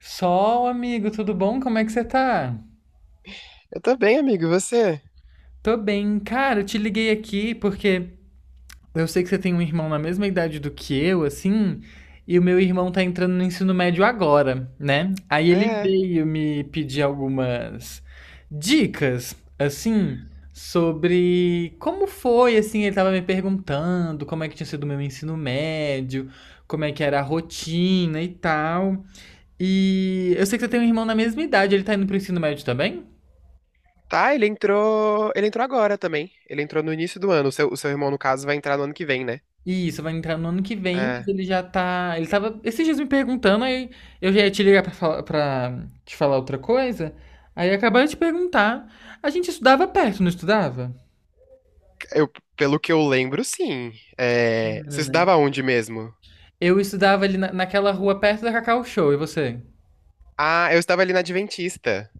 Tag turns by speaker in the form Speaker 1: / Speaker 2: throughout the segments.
Speaker 1: Sol, amigo, tudo bom? Como é que você tá?
Speaker 2: Eu tô bem, amigo. E você?
Speaker 1: Tô bem. Cara, eu te liguei aqui porque eu sei que você tem um irmão na mesma idade do que eu, assim, e o meu irmão tá entrando no ensino médio agora, né? Aí ele
Speaker 2: É.
Speaker 1: veio me pedir algumas dicas, assim, sobre como foi, assim, ele tava me perguntando como é que tinha sido o meu ensino médio, como é que era a rotina e tal. E eu sei que você tem um irmão na mesma idade, ele tá indo pro ensino médio também?
Speaker 2: Tá, ele entrou. Ele entrou agora também. Ele entrou no início do ano. O seu irmão, no caso, vai entrar no ano que vem, né?
Speaker 1: Isso, vai entrar no ano que vem, mas
Speaker 2: É.
Speaker 1: ele já tá. Ele tava esses dias me perguntando, aí eu já ia te ligar pra, falar, pra te falar outra coisa. Aí acabaram de perguntar. A gente estudava perto, não estudava?
Speaker 2: Eu, pelo que eu lembro, sim. É, você
Speaker 1: Era, né?
Speaker 2: estudava onde mesmo?
Speaker 1: Eu estudava ali naquela rua perto da Cacau Show, e você?
Speaker 2: Ah, eu estava ali na Adventista.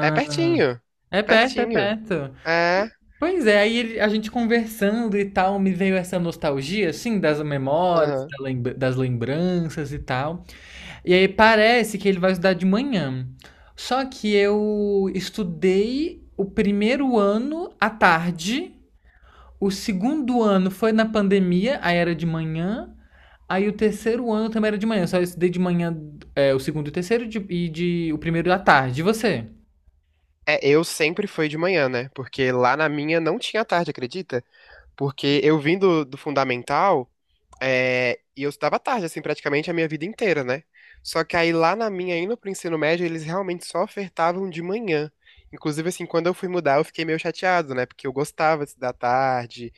Speaker 2: É pertinho.
Speaker 1: é perto, é
Speaker 2: Pertinho.
Speaker 1: perto.
Speaker 2: É.
Speaker 1: Pois é, aí a gente conversando e tal, me veio essa nostalgia, assim, das memórias,
Speaker 2: Aham.
Speaker 1: da lembra- das lembranças e tal. E aí parece que ele vai estudar de manhã. Só que eu estudei o primeiro ano à tarde, o segundo ano foi na pandemia, aí era de manhã. Aí o terceiro ano também era de manhã, só eu estudei de manhã é, o segundo e o terceiro de- e de, o primeiro à tarde. E você?
Speaker 2: É, eu sempre fui de manhã, né? Porque lá na minha não tinha tarde, acredita? Porque eu vim do fundamental. É, e eu estudava tarde, assim, praticamente a minha vida inteira, né? Só que aí lá na minha, indo pro ensino médio, eles realmente só ofertavam de manhã. Inclusive, assim, quando eu fui mudar, eu fiquei meio chateado, né? Porque eu gostava de estudar tarde,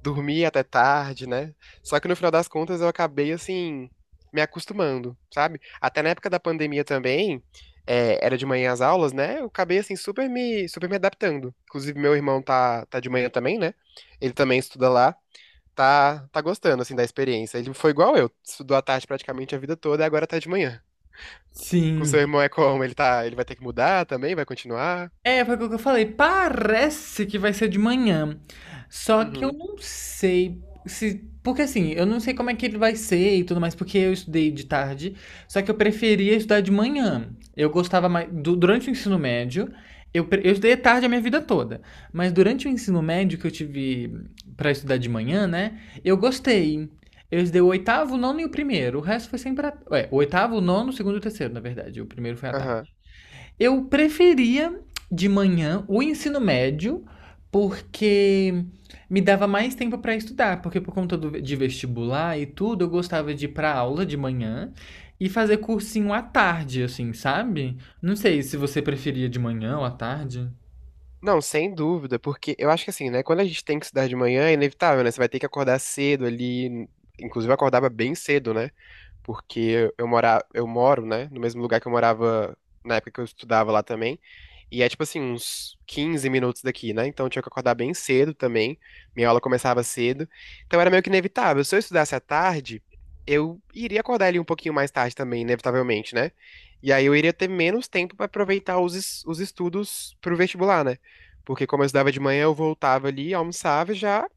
Speaker 2: dormia até tarde, né? Só que no final das contas eu acabei, assim, me acostumando, sabe? Até na época da pandemia também, era de manhã as aulas, né? Eu acabei, assim, super me adaptando. Inclusive, meu irmão tá de manhã também, né? Ele também estuda lá tá gostando, assim, da experiência. Ele foi igual eu, estudou à tarde praticamente a vida toda e agora tá de manhã. Com seu
Speaker 1: Sim.
Speaker 2: irmão é como? Ele vai ter que mudar também? Vai continuar?
Speaker 1: É, foi o que eu falei. Parece que vai ser de manhã. Só que eu
Speaker 2: Uhum,
Speaker 1: não sei se. Porque assim, eu não sei como é que ele vai ser e tudo mais, porque eu estudei de tarde. Só que eu preferia estudar de manhã. Eu gostava mais. Durante o ensino médio, eu estudei à tarde a minha vida toda. Mas durante o ensino médio que eu tive pra estudar de manhã, né? Eu gostei. Eu estudei o oitavo, o nono e o primeiro. O resto foi sempre. À... Ué, o oitavo, o nono, o segundo e o terceiro, na verdade. O primeiro foi à
Speaker 2: aham.
Speaker 1: tarde. Eu preferia de manhã o ensino médio, porque me dava mais tempo para estudar, porque por conta de vestibular e tudo, eu gostava de ir para aula de manhã e fazer cursinho à tarde, assim, sabe? Não sei se você preferia de manhã ou à tarde.
Speaker 2: Não, sem dúvida, porque eu acho que assim, né, quando a gente tem que estudar de manhã, é inevitável, né? Você vai ter que acordar cedo ali, inclusive eu acordava bem cedo, né? Porque eu moro, né, no mesmo lugar que eu morava na época que eu estudava lá também. E é tipo assim, uns 15 minutos daqui, né? Então eu tinha que acordar bem cedo também. Minha aula começava cedo. Então era meio que inevitável. Se eu estudasse à tarde, eu iria acordar ali um pouquinho mais tarde também, inevitavelmente, né? E aí eu iria ter menos tempo para aproveitar os estudos pro vestibular, né? Porque como eu estudava de manhã, eu voltava ali, almoçava e já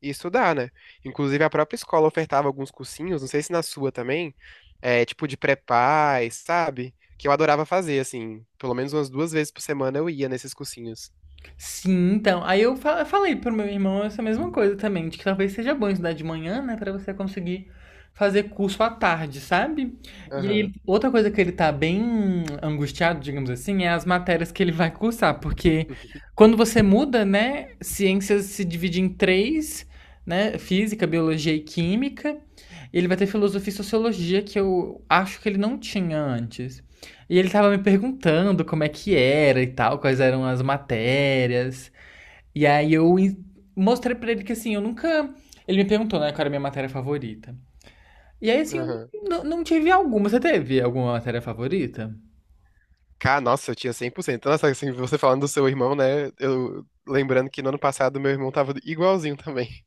Speaker 2: ia estudar, né? Inclusive a própria escola ofertava alguns cursinhos, não sei se na sua também tipo de pré-paz, sabe? Que eu adorava fazer, assim. Pelo menos umas duas vezes por semana eu ia nesses cursinhos.
Speaker 1: Sim, então. Aí eu falei pro meu irmão essa mesma coisa também, de que talvez seja bom estudar de manhã, né, Pra você conseguir fazer curso à tarde, sabe? E aí,
Speaker 2: Aham.
Speaker 1: outra coisa que ele tá bem angustiado, digamos assim, é as matérias que ele vai cursar, porque quando você muda, né, ciências se divide em três, né, física, biologia e química. Ele vai ter filosofia e sociologia que eu acho que ele não tinha antes. E ele tava me perguntando como é que era e tal, quais eram as matérias. E aí eu mostrei pra ele que assim, eu nunca. Ele me perguntou, né, qual era a minha matéria favorita. E aí, assim, eu
Speaker 2: Aham.
Speaker 1: não tive alguma. Você teve alguma matéria favorita?
Speaker 2: Cara, nossa, eu tinha cem por cento. Nossa, assim, você falando do seu irmão, né? Eu lembrando que no ano passado meu irmão tava igualzinho também.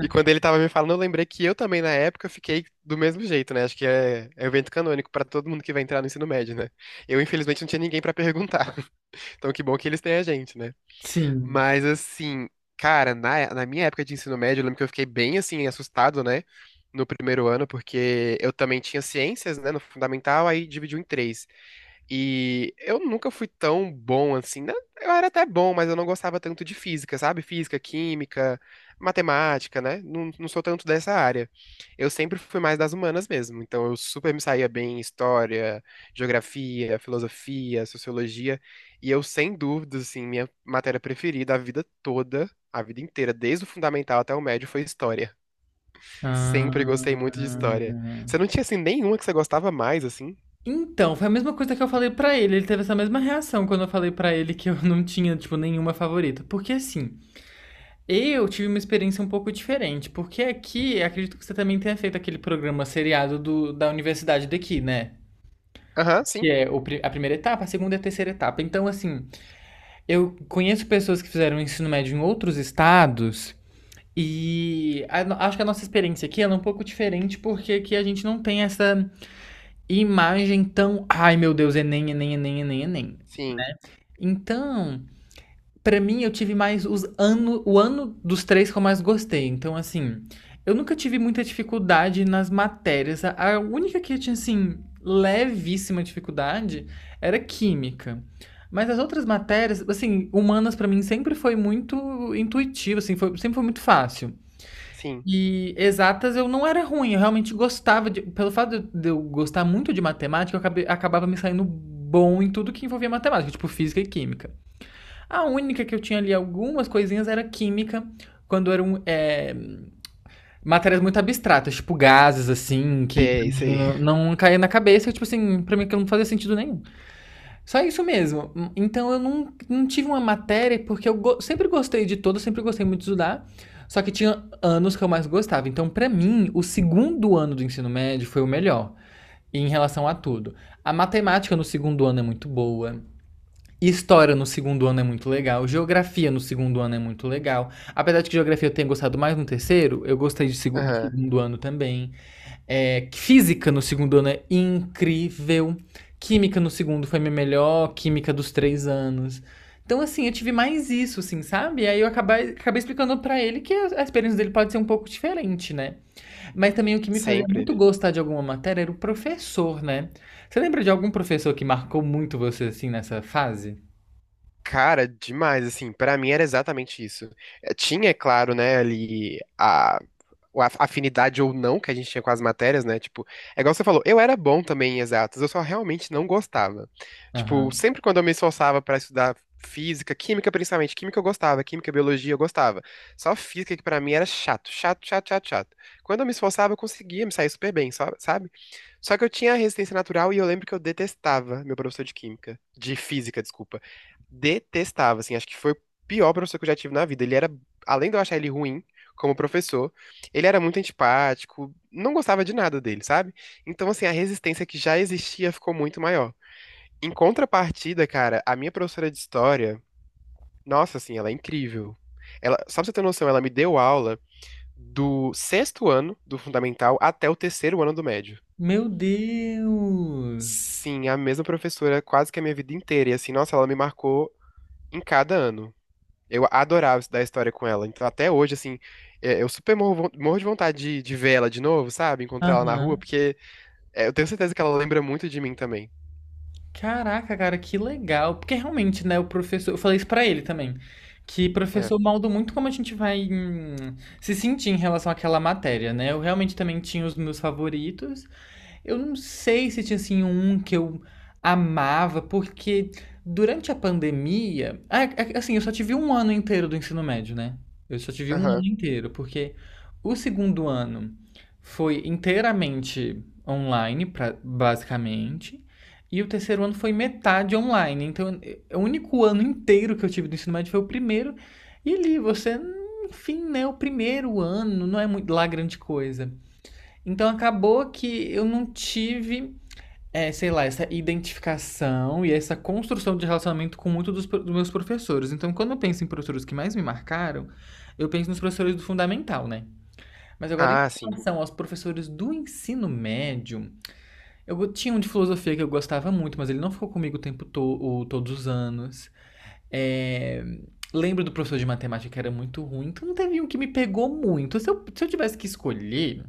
Speaker 2: E quando ele tava me falando, eu lembrei que eu também, na época, fiquei do mesmo jeito, né? Acho que é evento canônico pra todo mundo que vai entrar no ensino médio, né? Eu, infelizmente, não tinha ninguém pra perguntar. Então, que bom que eles têm a gente, né?
Speaker 1: Sim.
Speaker 2: Mas assim, cara, na minha época de ensino médio, eu lembro que eu fiquei bem assim, assustado, né? No primeiro ano, porque eu também tinha ciências, né? No fundamental, aí dividiu em três. E eu nunca fui tão bom assim, né? Eu era até bom, mas eu não gostava tanto de física, sabe? Física, química, matemática, né? Não, não sou tanto dessa área. Eu sempre fui mais das humanas mesmo. Então eu super me saía bem em história, geografia, filosofia, sociologia. E eu, sem dúvidas, assim, minha matéria preferida a vida toda, a vida inteira, desde o fundamental até o médio, foi história. Sempre gostei muito de
Speaker 1: Ah...
Speaker 2: história. Você não tinha, assim, nenhuma que você gostava mais, assim?
Speaker 1: Então, foi a mesma coisa que eu falei pra ele. Ele teve essa mesma reação quando eu falei pra ele que eu não tinha, tipo, nenhuma favorita. Porque assim, eu tive uma experiência um pouco diferente, porque aqui, acredito que você também tenha feito aquele programa seriado do, da universidade daqui, né?
Speaker 2: Aham,
Speaker 1: Que
Speaker 2: sim.
Speaker 1: é a primeira etapa, a segunda e a terceira etapa. Então, assim, eu conheço pessoas que fizeram ensino médio em outros estados e a no- acho que a nossa experiência aqui ela é um pouco diferente, porque aqui a gente não tem essa imagem tão, ai meu Deus, Enem, Enem, Enem, Enem, Enem.
Speaker 2: Sim,
Speaker 1: Então, pra mim, eu tive mais o ano dos três que eu mais gostei. Então, assim, eu nunca tive muita dificuldade nas matérias. A única que eu tinha, assim, levíssima dificuldade era química. Mas as outras matérias, assim, humanas pra mim sempre foi muito intuitivo, assim, foi- sempre foi muito fácil.
Speaker 2: sim.
Speaker 1: E exatas eu não era ruim, eu realmente gostava de. Pelo fato de eu gostar muito de matemática, eu acabava me saindo bom em tudo que envolvia matemática, tipo física e química. A única que eu tinha ali algumas coisinhas era química, quando eram é, matérias muito abstratas, tipo gases, assim, que pra
Speaker 2: Sei,
Speaker 1: mim
Speaker 2: sei.
Speaker 1: não caía na cabeça, tipo assim, pra mim aquilo não fazia sentido nenhum. Só isso mesmo. Então eu não tive uma matéria, porque eu go- sempre gostei de todo, sempre gostei muito de estudar, só que tinha anos que eu mais gostava. Então, pra mim, o segundo ano do ensino médio foi o melhor em relação a tudo. A matemática no segundo ano é muito boa. História no segundo ano é muito legal, geografia no segundo ano é muito legal. Apesar de que geografia eu tenha gostado mais no terceiro, eu gostei de do
Speaker 2: Aham,
Speaker 1: segundo ano também. É, física no segundo ano é incrível. Química no segundo foi minha melhor química dos 3 anos. Então, assim, eu tive mais isso, assim, sabe? Aí eu acabei, acabei explicando pra ele que a experiência dele pode ser um pouco diferente, né? Mas também o que me fazia
Speaker 2: sempre.
Speaker 1: muito gostar de alguma matéria era o professor, né? Você lembra de algum professor que marcou muito você, assim, nessa fase?
Speaker 2: Cara, demais, assim, pra mim era exatamente isso. Tinha, é claro, né, ali afinidade ou não que a gente tinha com as matérias, né, tipo, é igual você falou, eu era bom também em exatas, eu só realmente não gostava. Tipo,
Speaker 1: Aham.
Speaker 2: sempre quando eu me esforçava pra estudar física, química principalmente, química eu gostava, química, biologia eu gostava. Só física que pra mim era chato, chato, chato, chato, chato. Quando eu me esforçava, eu conseguia me sair super bem, sabe? Só que eu tinha resistência natural e eu lembro que eu detestava meu professor de química. De física, desculpa. Detestava, assim. Acho que foi o pior professor que eu já tive na vida. Ele era, além de eu achar ele ruim como professor, ele era muito antipático. Não gostava de nada dele, sabe? Então, assim, a resistência que já existia ficou muito maior. Em contrapartida, cara, a minha professora de história, nossa, assim, ela é incrível. Ela, só pra você ter noção, ela me deu aula do sexto ano do fundamental até o terceiro ano do médio.
Speaker 1: Meu Deus!
Speaker 2: Sim, a mesma professora quase que a minha vida inteira. E assim, nossa, ela me marcou em cada ano. Eu adorava estudar história com ela. Então, até hoje, assim, eu super morro de vontade de ver ela de novo, sabe? Encontrar ela na rua,
Speaker 1: Aham.
Speaker 2: porque eu tenho certeza que ela lembra muito de mim também.
Speaker 1: Caraca, cara, que legal. Porque realmente, né, o professor. Eu falei isso pra ele também. Que
Speaker 2: É.
Speaker 1: professor molda muito como a gente vai se sentir em relação àquela matéria, né? Eu realmente também tinha os meus favoritos. Eu não sei se tinha assim um que eu amava, porque durante a pandemia, ah, assim, eu só tive um ano inteiro do ensino médio, né? Eu só tive um
Speaker 2: Aham.
Speaker 1: ano inteiro, porque o segundo ano foi inteiramente online, basicamente, e o terceiro ano foi metade online. Então, o único ano inteiro que eu tive do ensino médio foi o primeiro, e ali você, enfim, né? O primeiro ano não é muito lá grande coisa. Então acabou que eu não tive, é, sei lá, essa identificação e essa construção de relacionamento com muitos dos meus professores. Então, quando eu penso em professores que mais me marcaram, eu penso nos professores do fundamental, né? Mas agora, em
Speaker 2: Ah, sim.
Speaker 1: relação aos professores do ensino médio, eu tinha um de filosofia que eu gostava muito, mas ele não ficou comigo o tempo to o- todos os anos. É, lembro do professor de matemática que era muito ruim, então não teve um que me pegou muito. Se eu tivesse que escolher,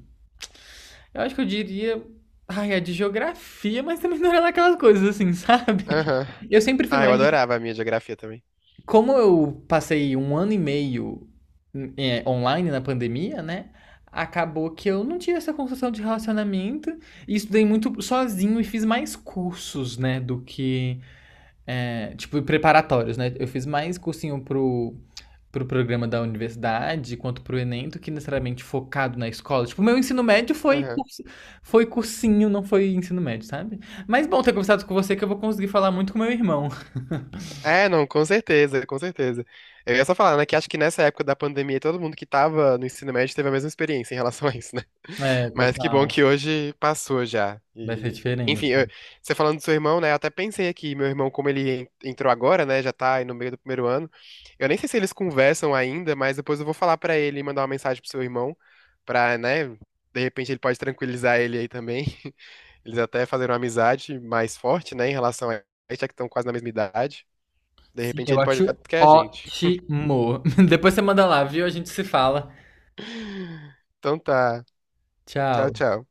Speaker 1: eu acho que eu diria. Ai, a de geografia, mas também não era daquelas coisas assim, sabe?
Speaker 2: Aham.
Speaker 1: Eu sempre fui
Speaker 2: Ah, eu
Speaker 1: mais.
Speaker 2: adorava a minha geografia também.
Speaker 1: Como eu passei um ano e meio é, online na pandemia, né? Acabou que eu não, tive essa construção de relacionamento e estudei muito sozinho e fiz mais cursos, né? Do que. É, tipo, preparatórios, né? Eu fiz mais cursinho pro, pro programa da universidade quanto pro Enem do que necessariamente focado na escola. Tipo, o meu ensino médio foi
Speaker 2: Aham.
Speaker 1: curso, foi cursinho, não foi ensino médio, sabe? Mas bom ter conversado com você que eu vou conseguir falar muito com meu irmão.
Speaker 2: É, não, com certeza, com certeza. Eu ia só falar, né, que acho que nessa época da pandemia todo mundo que tava no ensino médio teve a mesma experiência em relação a isso, né?
Speaker 1: É,
Speaker 2: Mas que bom
Speaker 1: total.
Speaker 2: que hoje passou já.
Speaker 1: Vai ser
Speaker 2: E,
Speaker 1: diferente.
Speaker 2: enfim, você falando do seu irmão, né, eu até pensei aqui, meu irmão, como ele entrou agora, né, já tá aí no meio do primeiro ano, eu nem sei se eles conversam ainda, mas depois eu vou falar pra ele e mandar uma mensagem pro seu irmão, pra, né, de repente ele pode tranquilizar ele aí também. Eles até fazer uma amizade mais forte, né, em relação a isso, já que estão quase na mesma idade. De
Speaker 1: Sim,
Speaker 2: repente
Speaker 1: eu
Speaker 2: ele pode
Speaker 1: acho
Speaker 2: olhar que é a gente.
Speaker 1: ótimo. Depois você manda lá, viu? A gente se fala.
Speaker 2: Então tá. Tchau,
Speaker 1: Tchau.
Speaker 2: tchau.